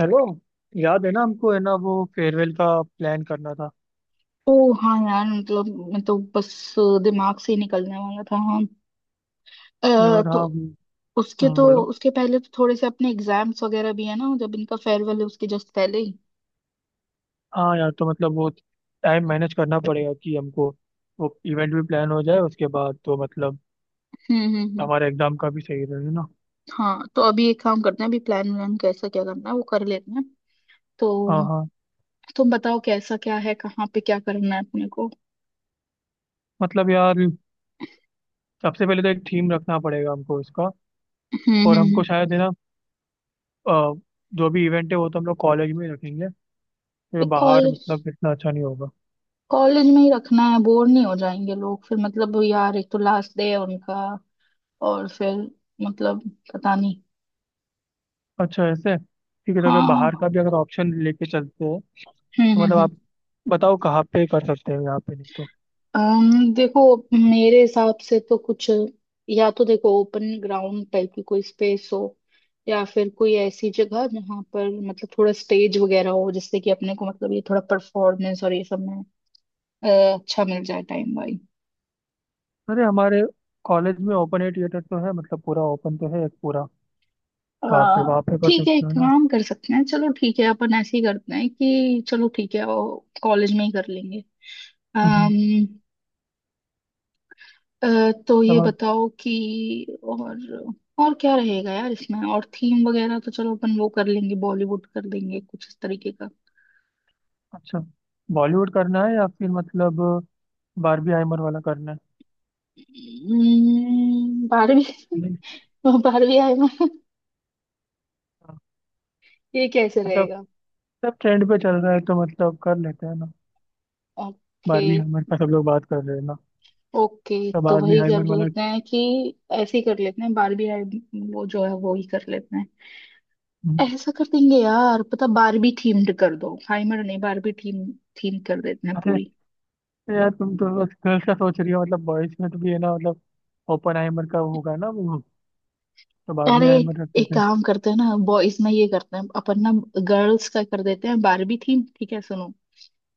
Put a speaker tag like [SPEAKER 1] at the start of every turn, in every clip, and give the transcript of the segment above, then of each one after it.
[SPEAKER 1] Hello. याद है ना हमको, है ना, वो फेयरवेल का प्लान करना था।
[SPEAKER 2] ओ। हाँ यार, मतलब मैं तो बस दिमाग से ही निकलने वाला था। हाँ।
[SPEAKER 1] यार
[SPEAKER 2] तो
[SPEAKER 1] हाँ।
[SPEAKER 2] उसके तो
[SPEAKER 1] बोलो।
[SPEAKER 2] उसके पहले तो थोड़े से अपने एग्जाम्स वगैरह भी है ना, जब इनका फेयरवेल है उसके जस्ट पहले ही।
[SPEAKER 1] हाँ यार, तो मतलब वो टाइम मैनेज करना पड़ेगा कि हमको वो इवेंट भी प्लान हो जाए, उसके बाद तो मतलब
[SPEAKER 2] हम्म, हम्म, हम्म।
[SPEAKER 1] हमारे एग्जाम का भी सही रहे ना।
[SPEAKER 2] हाँ, तो अभी एक काम करते हैं, अभी प्लान व्लान कैसा क्या करना है वो कर लेते हैं। तो
[SPEAKER 1] हाँ हाँ।
[SPEAKER 2] तुम बताओ कैसा क्या है, कहाँ पे क्या करना है अपने को।
[SPEAKER 1] मतलब यार, सबसे पहले तो एक थीम रखना पड़ेगा हमको इसका।
[SPEAKER 2] हम्म, हम्म,
[SPEAKER 1] और
[SPEAKER 2] हम्म।
[SPEAKER 1] हमको शायद है ना, अ, जो भी इवेंट है वो तो हम लोग कॉलेज में ही रखेंगे क्योंकि बाहर
[SPEAKER 2] कॉलेज?
[SPEAKER 1] मतलब इतना अच्छा नहीं होगा।
[SPEAKER 2] कॉलेज में ही रखना है? बोर नहीं हो जाएंगे लोग फिर? मतलब यार, एक तो लास्ट डे है उनका, और फिर मतलब पता नहीं।
[SPEAKER 1] अच्छा ऐसे ठीक है, तो अगर
[SPEAKER 2] हाँ।
[SPEAKER 1] बाहर का भी अगर ऑप्शन लेके चलते हैं।
[SPEAKER 2] हम्म, हम्म,
[SPEAKER 1] मतलब आप बताओ कहाँ पे कर सकते हो, यहाँ पे नहीं तो?
[SPEAKER 2] देखो मेरे हिसाब से तो कुछ, या तो देखो ओपन ग्राउंड टाइप की कोई स्पेस हो, या फिर कोई ऐसी जगह जहाँ पर मतलब थोड़ा स्टेज वगैरह हो, जिससे कि अपने को मतलब ये थोड़ा परफॉर्मेंस और ये सब में अ, अच्छा मिल जाए टाइम भाई।
[SPEAKER 1] अरे हमारे कॉलेज में ओपन एयर थिएटर तो है, मतलब पूरा ओपन तो है एक पूरा,
[SPEAKER 2] अ,
[SPEAKER 1] वहाँ पे कर
[SPEAKER 2] ठीक है,
[SPEAKER 1] सकते
[SPEAKER 2] एक
[SPEAKER 1] हो ना।
[SPEAKER 2] काम कर सकते हैं, चलो ठीक है, अपन ऐसे ही करते हैं कि चलो ठीक है कॉलेज में ही कर लेंगे।
[SPEAKER 1] हम्म,
[SPEAKER 2] अ, तो
[SPEAKER 1] तब
[SPEAKER 2] ये
[SPEAKER 1] आप।
[SPEAKER 2] बताओ कि और क्या रहेगा यार इसमें, और थीम वगैरह तो चलो अपन वो कर लेंगे, बॉलीवुड कर देंगे कुछ इस तरीके का।
[SPEAKER 1] अच्छा बॉलीवुड करना है या फिर मतलब बारबी हाइमर वाला करना है?
[SPEAKER 2] बारहवीं।
[SPEAKER 1] नहीं।
[SPEAKER 2] बारहवीं आए ना?
[SPEAKER 1] हाँ।
[SPEAKER 2] ये कैसे
[SPEAKER 1] मतलब
[SPEAKER 2] रहेगा?
[SPEAKER 1] सब ट्रेंड पे चल रहा है तो मतलब कर लेते हैं ना।
[SPEAKER 2] ओके।
[SPEAKER 1] बारबी हाइमर का सब लोग बात कर रहे हैं ना,
[SPEAKER 2] ओके,
[SPEAKER 1] तो
[SPEAKER 2] तो
[SPEAKER 1] बारबी
[SPEAKER 2] वही कर
[SPEAKER 1] हाइमर वाला।
[SPEAKER 2] लेते हैं कि ऐसे ही कर लेते हैं बारहवीं आए, वो जो है वो ही कर लेते हैं।
[SPEAKER 1] हम्म,
[SPEAKER 2] ऐसा कर देंगे यार, पता बारबी थीम्ड कर दो, हाइमर नहीं, बारबी थीम। थीम कर देते हैं
[SPEAKER 1] अरे
[SPEAKER 2] पूरी।
[SPEAKER 1] यार तुम तो बस गर्ल्स का सोच रही हो, मतलब बॉयज में तो भी है ना, मतलब ओपन हाइमर का होगा ना वो, तो बारबी
[SPEAKER 2] अरे,
[SPEAKER 1] हाइमर रख
[SPEAKER 2] एक
[SPEAKER 1] देते हैं।
[SPEAKER 2] काम करते हैं ना, बॉयज में ये करते हैं अपन ना। गर्ल्स का कर देते हैं बारबी थीम, ठीक है? सुनो,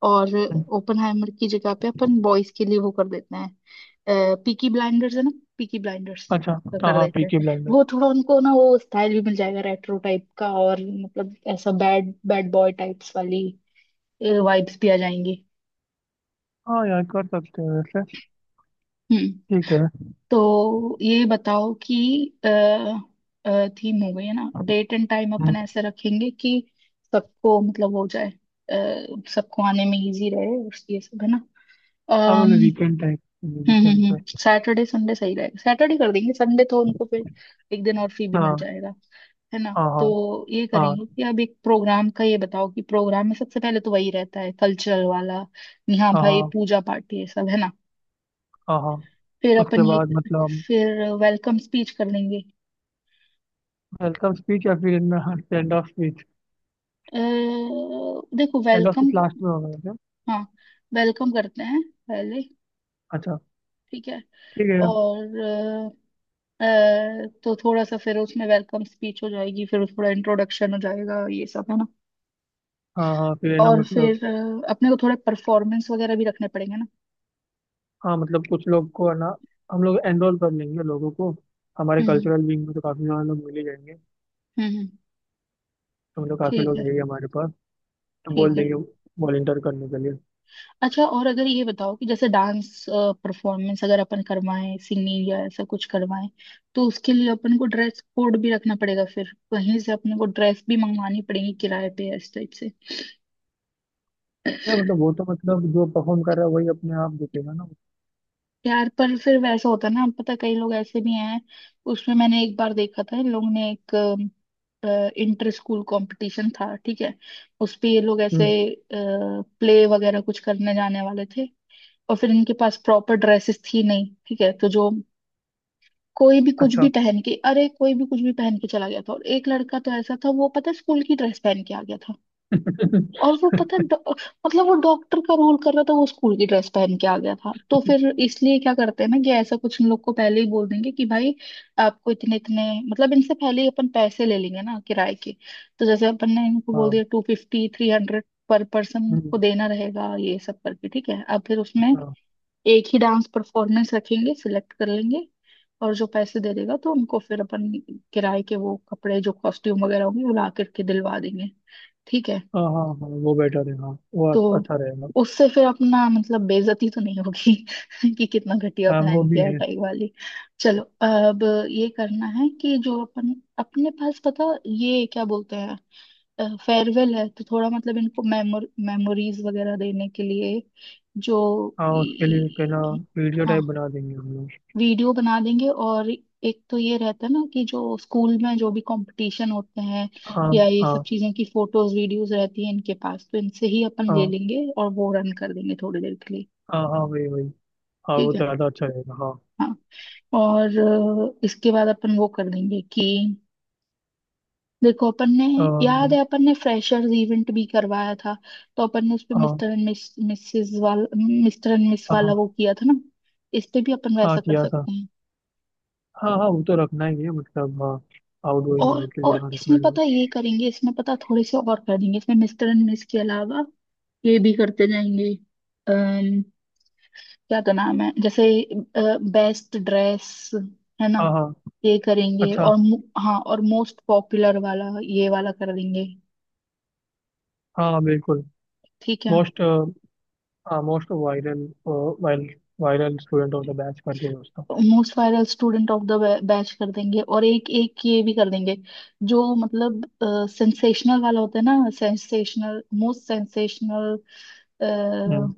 [SPEAKER 2] और ओपनहाइमर की जगह पे अपन बॉयज के लिए वो कर देते हैं, पीकी ब्लाइंडर्स है ना? पीकी ब्लाइंडर्स
[SPEAKER 1] अच्छा।
[SPEAKER 2] का
[SPEAKER 1] हाँ
[SPEAKER 2] कर
[SPEAKER 1] हाँ
[SPEAKER 2] देते हैं।
[SPEAKER 1] पीके ब्लाइंडर।
[SPEAKER 2] वो थोड़ा उनको ना वो स्टाइल भी मिल जाएगा रेट्रो टाइप का, और मतलब ऐसा बैड बैड बॉय टाइप्स वाली वाइब्स भी आ जाएंगी।
[SPEAKER 1] हाँ यार कर सकते हैं वैसे।
[SPEAKER 2] हम्म।
[SPEAKER 1] ठीक है।
[SPEAKER 2] तो ये बताओ कि अ, थीम हो गई है ना, डेट एंड टाइम
[SPEAKER 1] हम्म,
[SPEAKER 2] अपन ऐसे रखेंगे कि सबको मतलब हो जाए, सबको आने में इजी रहे और ये सब है ना।
[SPEAKER 1] हाँ
[SPEAKER 2] अम
[SPEAKER 1] मतलब वीकेंड टाइप।
[SPEAKER 2] हम्म,
[SPEAKER 1] वीकेंड
[SPEAKER 2] हम्म,
[SPEAKER 1] पे।
[SPEAKER 2] हम्म। सैटरडे संडे सही रहेगा, सैटरडे कर देंगे, संडे तो उनको फिर एक दिन और फ्री भी मिल
[SPEAKER 1] हाँ
[SPEAKER 2] जाएगा, है ना?
[SPEAKER 1] हाँ
[SPEAKER 2] तो
[SPEAKER 1] हाँ
[SPEAKER 2] ये
[SPEAKER 1] हाँ।
[SPEAKER 2] करेंगे कि अब एक प्रोग्राम का, ये बताओ कि प्रोग्राम में सबसे पहले तो वही रहता है, कल्चरल वाला, यहाँ
[SPEAKER 1] हाँ
[SPEAKER 2] भाई
[SPEAKER 1] हाँ
[SPEAKER 2] पूजा पाठ ये सब है ना।
[SPEAKER 1] हाँ हाँ।
[SPEAKER 2] फिर
[SPEAKER 1] उसके
[SPEAKER 2] अपन ये
[SPEAKER 1] बाद मतलब।
[SPEAKER 2] फिर वेलकम स्पीच कर लेंगे।
[SPEAKER 1] वेलकम स्पीच या फिर स्टैंड ऑफ स्पीच।
[SPEAKER 2] अ, देखो
[SPEAKER 1] stand off
[SPEAKER 2] welcome
[SPEAKER 1] speech last में होगा वैसे।
[SPEAKER 2] हाँ वेलकम करते हैं पहले,
[SPEAKER 1] अच्छा।
[SPEAKER 2] ठीक है।
[SPEAKER 1] ठीक है।
[SPEAKER 2] और तो थोड़ा सा फिर उसमें वेलकम स्पीच हो जाएगी, फिर थोड़ा इंट्रोडक्शन हो जाएगा ये सब है ना।
[SPEAKER 1] हाँ हाँ फिर है ना
[SPEAKER 2] और
[SPEAKER 1] मतलब।
[SPEAKER 2] फिर अपने को थोड़े परफॉर्मेंस वगैरह भी रखने पड़ेंगे ना।
[SPEAKER 1] हाँ मतलब कुछ लोग को है ना, हम लोग एनरोल कर लेंगे लोगों को। हमारे
[SPEAKER 2] हम्म,
[SPEAKER 1] कल्चरल विंग में तो काफ़ी सारे लोग मिल ही जाएंगे।
[SPEAKER 2] हम्म,
[SPEAKER 1] तो मतलब काफ़ी
[SPEAKER 2] ठीक है,
[SPEAKER 1] लोग हैं ही हमारे पास। तो बोल
[SPEAKER 2] ठीक है।
[SPEAKER 1] देंगे वॉलेंटियर करने के लिए।
[SPEAKER 2] अच्छा, और अगर ये बताओ कि जैसे डांस परफॉर्मेंस अगर अपन करवाएं, सिंगिंग या ऐसा कुछ करवाएं, तो उसके लिए अपन को ड्रेस कोड भी रखना पड़ेगा, फिर कहीं से अपने को ड्रेस भी मंगवानी पड़ेगी किराए पे इस टाइप से।
[SPEAKER 1] या मतलब वो तो मतलब जो परफॉर्म कर रहा है वही अपने आप दिखेगा ना।
[SPEAKER 2] यार, पर फिर वैसा होता है ना, पता कई लोग ऐसे भी हैं। उसमें मैंने एक बार देखा था, इन लोगों ने एक इंटर स्कूल कंपटीशन था, ठीक है, उस पे ये लोग ऐसे
[SPEAKER 1] हम्म।
[SPEAKER 2] प्ले वगैरह कुछ करने जाने वाले थे, और फिर इनके पास प्रॉपर ड्रेसेस थी नहीं, ठीक है, तो जो कोई भी कुछ
[SPEAKER 1] अच्छा।
[SPEAKER 2] भी पहन के अरे कोई भी कुछ भी पहन के चला गया था, और एक लड़का तो ऐसा था, वो पता है स्कूल की ड्रेस पहन के आ गया था। और वो पता है मतलब वो डॉक्टर का रोल कर रहा था, वो स्कूल की ड्रेस पहन के आ गया था। तो फिर इसलिए क्या करते हैं ना कि ऐसा कुछ इन लोग को पहले ही बोल देंगे कि भाई आपको इतने इतने मतलब इनसे पहले ही अपन पैसे ले लेंगे ना किराए के। तो जैसे अपन ने इनको बोल
[SPEAKER 1] हाँ।
[SPEAKER 2] दिया 250-300 पर पर्सन
[SPEAKER 1] हम्म,
[SPEAKER 2] को देना रहेगा ये सब करके, ठीक है। अब फिर उसमें
[SPEAKER 1] अच्छा।
[SPEAKER 2] एक ही डांस परफॉर्मेंस रखेंगे, सिलेक्ट कर लेंगे, और जो पैसे दे देगा तो उनको फिर अपन किराए के वो कपड़े जो कॉस्ट्यूम वगैरह होंगे वो ला करके दिलवा देंगे, ठीक है।
[SPEAKER 1] हाँ हाँ हाँ वो बेटर है, हाँ वो
[SPEAKER 2] तो
[SPEAKER 1] अच्छा रहेगा।
[SPEAKER 2] उससे फिर अपना मतलब बेइज्जती तो नहीं होगी कि कितना घटिया
[SPEAKER 1] हाँ वो
[SPEAKER 2] प्लान
[SPEAKER 1] भी
[SPEAKER 2] किया है
[SPEAKER 1] है।
[SPEAKER 2] टाई वाली। चलो, अब ये करना है कि जो अपन अपने पास पता ये क्या बोलते हैं, फेयरवेल है तो थोड़ा मतलब इनको मेमोरीज वगैरह देने के लिए, जो,
[SPEAKER 1] हाँ उसके लिए कहना वीडियो
[SPEAKER 2] हाँ,
[SPEAKER 1] टाइप बना देंगे हम लोग।
[SPEAKER 2] वीडियो बना देंगे। और एक तो ये रहता है ना कि जो स्कूल में जो भी कंपटीशन होते हैं
[SPEAKER 1] हाँ
[SPEAKER 2] या ये सब
[SPEAKER 1] हाँ
[SPEAKER 2] चीजों की फोटोज वीडियोस रहती है इनके पास, तो इनसे ही अपन ले
[SPEAKER 1] हाँ
[SPEAKER 2] लेंगे और वो रन कर देंगे थोड़ी देर के लिए।
[SPEAKER 1] हाँ। हाँ वही वही। हाँ वो
[SPEAKER 2] ठीक है,
[SPEAKER 1] तो ज़्यादा अच्छा रहेगा हाँ।
[SPEAKER 2] हाँ। और इसके बाद अपन वो कर देंगे कि देखो अपन ने याद
[SPEAKER 1] अम,
[SPEAKER 2] है अपन ने फ्रेशर्स इवेंट भी करवाया था, तो अपन ने उस पे
[SPEAKER 1] हाँ
[SPEAKER 2] मिस्टर एंड मिस
[SPEAKER 1] हाँ
[SPEAKER 2] वाला
[SPEAKER 1] हाँ।
[SPEAKER 2] वो किया था ना, इस पे भी अपन
[SPEAKER 1] हाँ,
[SPEAKER 2] वैसा कर
[SPEAKER 1] किया था।
[SPEAKER 2] सकते हैं।
[SPEAKER 1] हाँ हाँ वो तो रखना ही है मतलब हाँ। आउटगोइंग
[SPEAKER 2] और
[SPEAKER 1] के लिए
[SPEAKER 2] और
[SPEAKER 1] हाँ
[SPEAKER 2] इसमें
[SPEAKER 1] रखना ही है।
[SPEAKER 2] पता है ये करेंगे, इसमें पता है थोड़े से और करेंगे, इसमें मिस्टर एंड मिस के अलावा ये भी करते जाएंगे। अम्म क्या तो नाम है, जैसे बेस्ट ड्रेस है ना,
[SPEAKER 1] हाँ हाँ।
[SPEAKER 2] ये करेंगे
[SPEAKER 1] अच्छा।
[SPEAKER 2] और हाँ और मोस्ट पॉपुलर वाला ये वाला कर देंगे,
[SPEAKER 1] हाँ बिल्कुल।
[SPEAKER 2] ठीक है।
[SPEAKER 1] मोस्ट। हाँ most viral. Viral viral student of the batch करके वो उसका।
[SPEAKER 2] Most viral student of the batch कर देंगे, और एक एक ये भी कर देंगे, जो मतलब सेंसेशनल वाला होता है ना, सेंसेशनल मोस्ट सेंसेशनल
[SPEAKER 1] हम्म।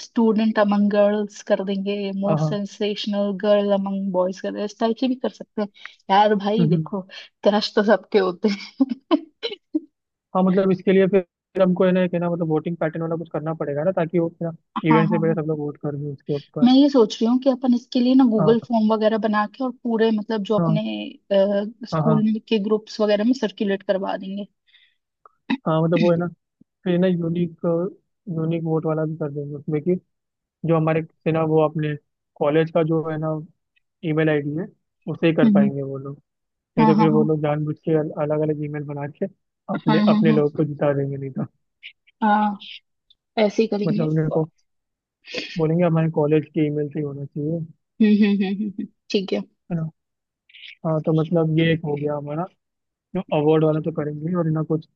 [SPEAKER 2] स्टूडेंट अमंग गर्ल्स कर देंगे,
[SPEAKER 1] हाँ
[SPEAKER 2] मोस्ट
[SPEAKER 1] हाँ।
[SPEAKER 2] सेंसेशनल गर्ल अमंग बॉयज कर देंगे, इस टाइप से भी कर सकते हैं। यार भाई
[SPEAKER 1] हम्म हम्म।
[SPEAKER 2] देखो, क्रश तो सबके होते हैं।
[SPEAKER 1] हाँ मतलब इसके लिए फिर हमको है ना, एक है ना, मतलब वोटिंग पैटर्न वाला कुछ करना पड़ेगा ना, ताकि वो ना
[SPEAKER 2] हाँ,
[SPEAKER 1] इवेंट से
[SPEAKER 2] हाँ,
[SPEAKER 1] पहले
[SPEAKER 2] हाँ,
[SPEAKER 1] सब लोग वोट कर दें उसके ऊपर।
[SPEAKER 2] मैं ये सोच रही हूँ कि अपन इसके लिए ना
[SPEAKER 1] हाँ
[SPEAKER 2] गूगल फॉर्म वगैरह बना के और पूरे मतलब जो
[SPEAKER 1] हाँ
[SPEAKER 2] अपने
[SPEAKER 1] हाँ
[SPEAKER 2] स्कूल
[SPEAKER 1] हाँ।
[SPEAKER 2] में के ग्रुप्स वगैरह में सर्कुलेट करवा देंगे।
[SPEAKER 1] हाँ मतलब वो है ना, फिर ना यूनिक यूनिक वोट वाला भी कर देंगे उसमें कि जो हमारे से ना, वो अपने कॉलेज का जो है ना ईमेल आईडी है उसे ही कर
[SPEAKER 2] हम्म,
[SPEAKER 1] पाएंगे वो लोग। नहीं
[SPEAKER 2] हाँ,
[SPEAKER 1] तो फिर वो
[SPEAKER 2] हाँ,
[SPEAKER 1] लोग जानबूझ के अलग अलग ईमेल बना के
[SPEAKER 2] हाँ,
[SPEAKER 1] अपने
[SPEAKER 2] हाँ, हाँ,
[SPEAKER 1] अपने लोग
[SPEAKER 2] हाँ,
[SPEAKER 1] को जिता देंगे नहीं तो।
[SPEAKER 2] हाँ, ऐसे ही
[SPEAKER 1] मतलब
[SPEAKER 2] करेंगे।
[SPEAKER 1] उनको बोलेंगे हमारे कॉलेज के ईमेल से ही होना चाहिए
[SPEAKER 2] हम्म, हम्म, हम्म, हम्म, ठीक है।
[SPEAKER 1] है ना। हाँ तो मतलब ये एक हो गया हमारा। जो अवार्ड वाला तो करेंगे ही, और ना कुछ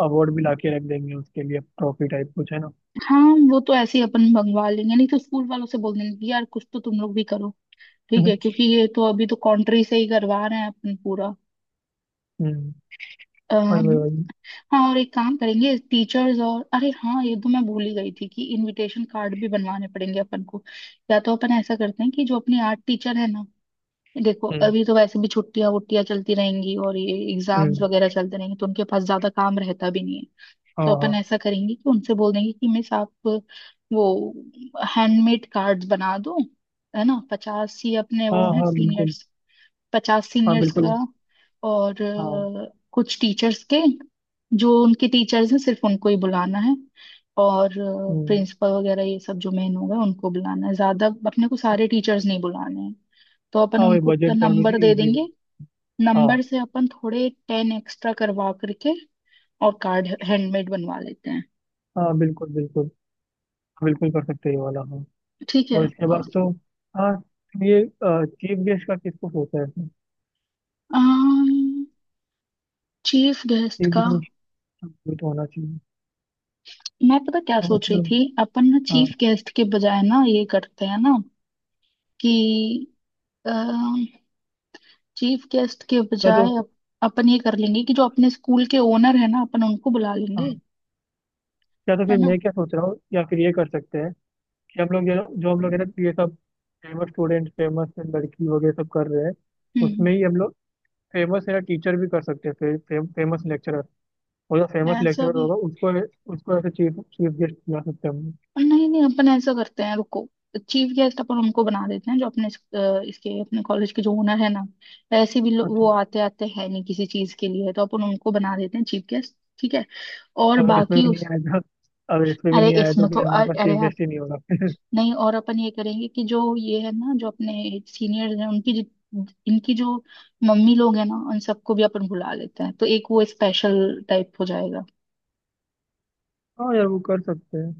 [SPEAKER 1] अवार्ड भी लाके रख देंगे उसके लिए ट्रॉफी टाइप कुछ है ना।
[SPEAKER 2] हाँ, वो तो ऐसे ही अपन मंगवा लेंगे, नहीं तो स्कूल वालों से बोल देंगे कि यार कुछ तो तुम लोग भी करो, ठीक
[SPEAKER 1] हम्म
[SPEAKER 2] है, क्योंकि ये तो अभी तो कंट्री से ही करवा रहे हैं अपन पूरा।
[SPEAKER 1] हम्म, वही
[SPEAKER 2] अम,
[SPEAKER 1] वही वही।
[SPEAKER 2] हाँ और एक काम करेंगे टीचर्स और, अरे हाँ ये तो मैं भूल ही गई थी कि इनविटेशन कार्ड भी बनवाने पड़ेंगे अपन को। या तो अपन ऐसा करते हैं कि जो अपनी आर्ट टीचर है ना, देखो
[SPEAKER 1] हम्म
[SPEAKER 2] अभी तो वैसे भी छुट्टियां वुट्टियां चलती रहेंगी और ये एग्जाम्स
[SPEAKER 1] हम्म।
[SPEAKER 2] वगैरह चलते रहेंगे, तो उनके पास ज्यादा काम रहता भी नहीं है।
[SPEAKER 1] हाँ
[SPEAKER 2] तो अपन
[SPEAKER 1] हाँ
[SPEAKER 2] ऐसा करेंगे कि उनसे बोल देंगे कि मिस आप वो हैंडमेड कार्ड्स बना दो, है ना? 50 ही अपने
[SPEAKER 1] हाँ
[SPEAKER 2] वो हैं
[SPEAKER 1] हाँ बिल्कुल।
[SPEAKER 2] सीनियर्स, 50
[SPEAKER 1] हाँ
[SPEAKER 2] सीनियर्स का।
[SPEAKER 1] बिल्कुल।
[SPEAKER 2] और
[SPEAKER 1] हाँ
[SPEAKER 2] कुछ टीचर्स के, जो उनके टीचर्स हैं सिर्फ उनको ही बुलाना है, और
[SPEAKER 1] हम्म।
[SPEAKER 2] प्रिंसिपल वगैरह ये सब जो मेन होगा उनको बुलाना है, ज्यादा अपने को सारे टीचर्स नहीं बुलाने हैं। तो अपन
[SPEAKER 1] हाँ वही
[SPEAKER 2] उनको उतना
[SPEAKER 1] बजट का भी
[SPEAKER 2] नंबर दे
[SPEAKER 1] इजी है।
[SPEAKER 2] देंगे,
[SPEAKER 1] हाँ
[SPEAKER 2] नंबर से अपन थोड़े 10 एक्स्ट्रा करवा करके और कार्ड हैंडमेड बनवा लेते हैं,
[SPEAKER 1] हाँ बिल्कुल बिल्कुल। बिल्कुल कर सकते हैं ये वाला हाँ।
[SPEAKER 2] ठीक है।
[SPEAKER 1] और इसके बाद
[SPEAKER 2] और
[SPEAKER 1] तो। हाँ, ये चीफ गेस्ट का किसको सोचा है?
[SPEAKER 2] चीफ गेस्ट
[SPEAKER 1] चीफ
[SPEAKER 2] का
[SPEAKER 1] गेस्ट तो होना चाहिए।
[SPEAKER 2] मैं पता क्या
[SPEAKER 1] हाँ
[SPEAKER 2] सोच रही
[SPEAKER 1] मतलब
[SPEAKER 2] थी, अपन ना
[SPEAKER 1] हाँ।
[SPEAKER 2] चीफ गेस्ट के बजाय ना ये करते हैं ना कि चीफ गेस्ट के
[SPEAKER 1] या तो
[SPEAKER 2] बजाय अपन ये कर लेंगे कि जो अपने स्कूल के ओनर है ना अपन उनको बुला लेंगे,
[SPEAKER 1] हाँ, या तो
[SPEAKER 2] है
[SPEAKER 1] फिर
[SPEAKER 2] ना।
[SPEAKER 1] मैं क्या सोच रहा हूँ, या फिर ये कर सकते हैं कि हम लोग ये जो हम लोग है ना, ये सब फेमस स्टूडेंट फेमस लड़की वगैरह सब कर रहे हैं,
[SPEAKER 2] हम्म,
[SPEAKER 1] उसमें ही हम लोग फेमस है ना टीचर भी कर सकते हैं। फे, फे, फेमस लेक्चरर। और जो फेमस
[SPEAKER 2] ऐसा
[SPEAKER 1] लेक्चरर
[SPEAKER 2] भी।
[SPEAKER 1] होगा उसको, ऐसे चीफ चीफ गेस्ट बना सकते हैं हम लोग।
[SPEAKER 2] नहीं, नहीं, अपन ऐसा करते हैं, रुको। चीफ गेस्ट अपन उनको बना देते हैं जो अपने इसके अपने कॉलेज के जो ओनर है ना, ऐसे भी वो
[SPEAKER 1] अच्छा
[SPEAKER 2] आते आते हैं नहीं किसी चीज के लिए, तो अपन उनको बना देते हैं चीफ गेस्ट, ठीक है। और
[SPEAKER 1] अगर इसमें
[SPEAKER 2] बाकी
[SPEAKER 1] भी नहीं
[SPEAKER 2] उस,
[SPEAKER 1] आएगा, अगर इसमें भी
[SPEAKER 2] अरे
[SPEAKER 1] नहीं आया तो
[SPEAKER 2] इसमें तो
[SPEAKER 1] फिर हमारे पास
[SPEAKER 2] अरे
[SPEAKER 1] चीफ
[SPEAKER 2] यार।
[SPEAKER 1] गेस्ट ही नहीं होगा।
[SPEAKER 2] नहीं, और अपन ये करेंगे कि जो ये है ना जो अपने सीनियर्स हैं, उनकी इनकी जो मम्मी लोग हैं ना उन सबको भी अपन बुला लेते हैं, तो एक वो स्पेशल टाइप हो जाएगा।
[SPEAKER 1] हाँ यार वो कर सकते हैं।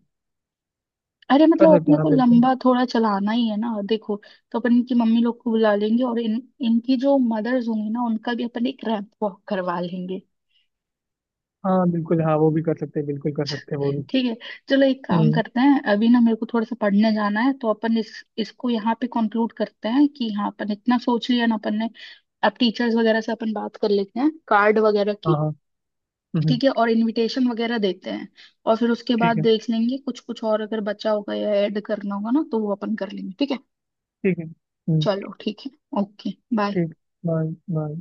[SPEAKER 2] अरे
[SPEAKER 1] कर
[SPEAKER 2] मतलब
[SPEAKER 1] सकते
[SPEAKER 2] अपने
[SPEAKER 1] हैं हाँ
[SPEAKER 2] को
[SPEAKER 1] बिल्कुल।
[SPEAKER 2] लंबा थोड़ा चलाना ही है ना देखो। तो अपन इनकी मम्मी लोग को बुला लेंगे, और इन इनकी जो मदर्स होंगी ना उनका भी अपन एक रैंप वॉक करवा लेंगे,
[SPEAKER 1] हाँ बिल्कुल। हाँ वो भी कर सकते हैं बिल्कुल कर सकते हैं वो भी।
[SPEAKER 2] ठीक है। चलो एक काम
[SPEAKER 1] हम्म
[SPEAKER 2] करते हैं, अभी ना मेरे को थोड़ा सा पढ़ने जाना है, तो अपन इस इसको यहाँ पे कंक्लूड करते हैं कि हाँ अपन इतना सोच लिया ना अपन ने। अब टीचर्स वगैरह से अपन बात कर लेते हैं कार्ड वगैरह
[SPEAKER 1] हाँ
[SPEAKER 2] की,
[SPEAKER 1] हाँ। हम्म,
[SPEAKER 2] ठीक है, और इनविटेशन वगैरह देते हैं। और फिर उसके बाद
[SPEAKER 1] ठीक है।
[SPEAKER 2] देख लेंगे, कुछ कुछ और अगर बचा होगा या ऐड करना होगा ना तो वो अपन कर लेंगे, ठीक है।
[SPEAKER 1] ठीक है हम्म।
[SPEAKER 2] चलो ठीक है। ओके। बाय।
[SPEAKER 1] ठीक। Bye bye.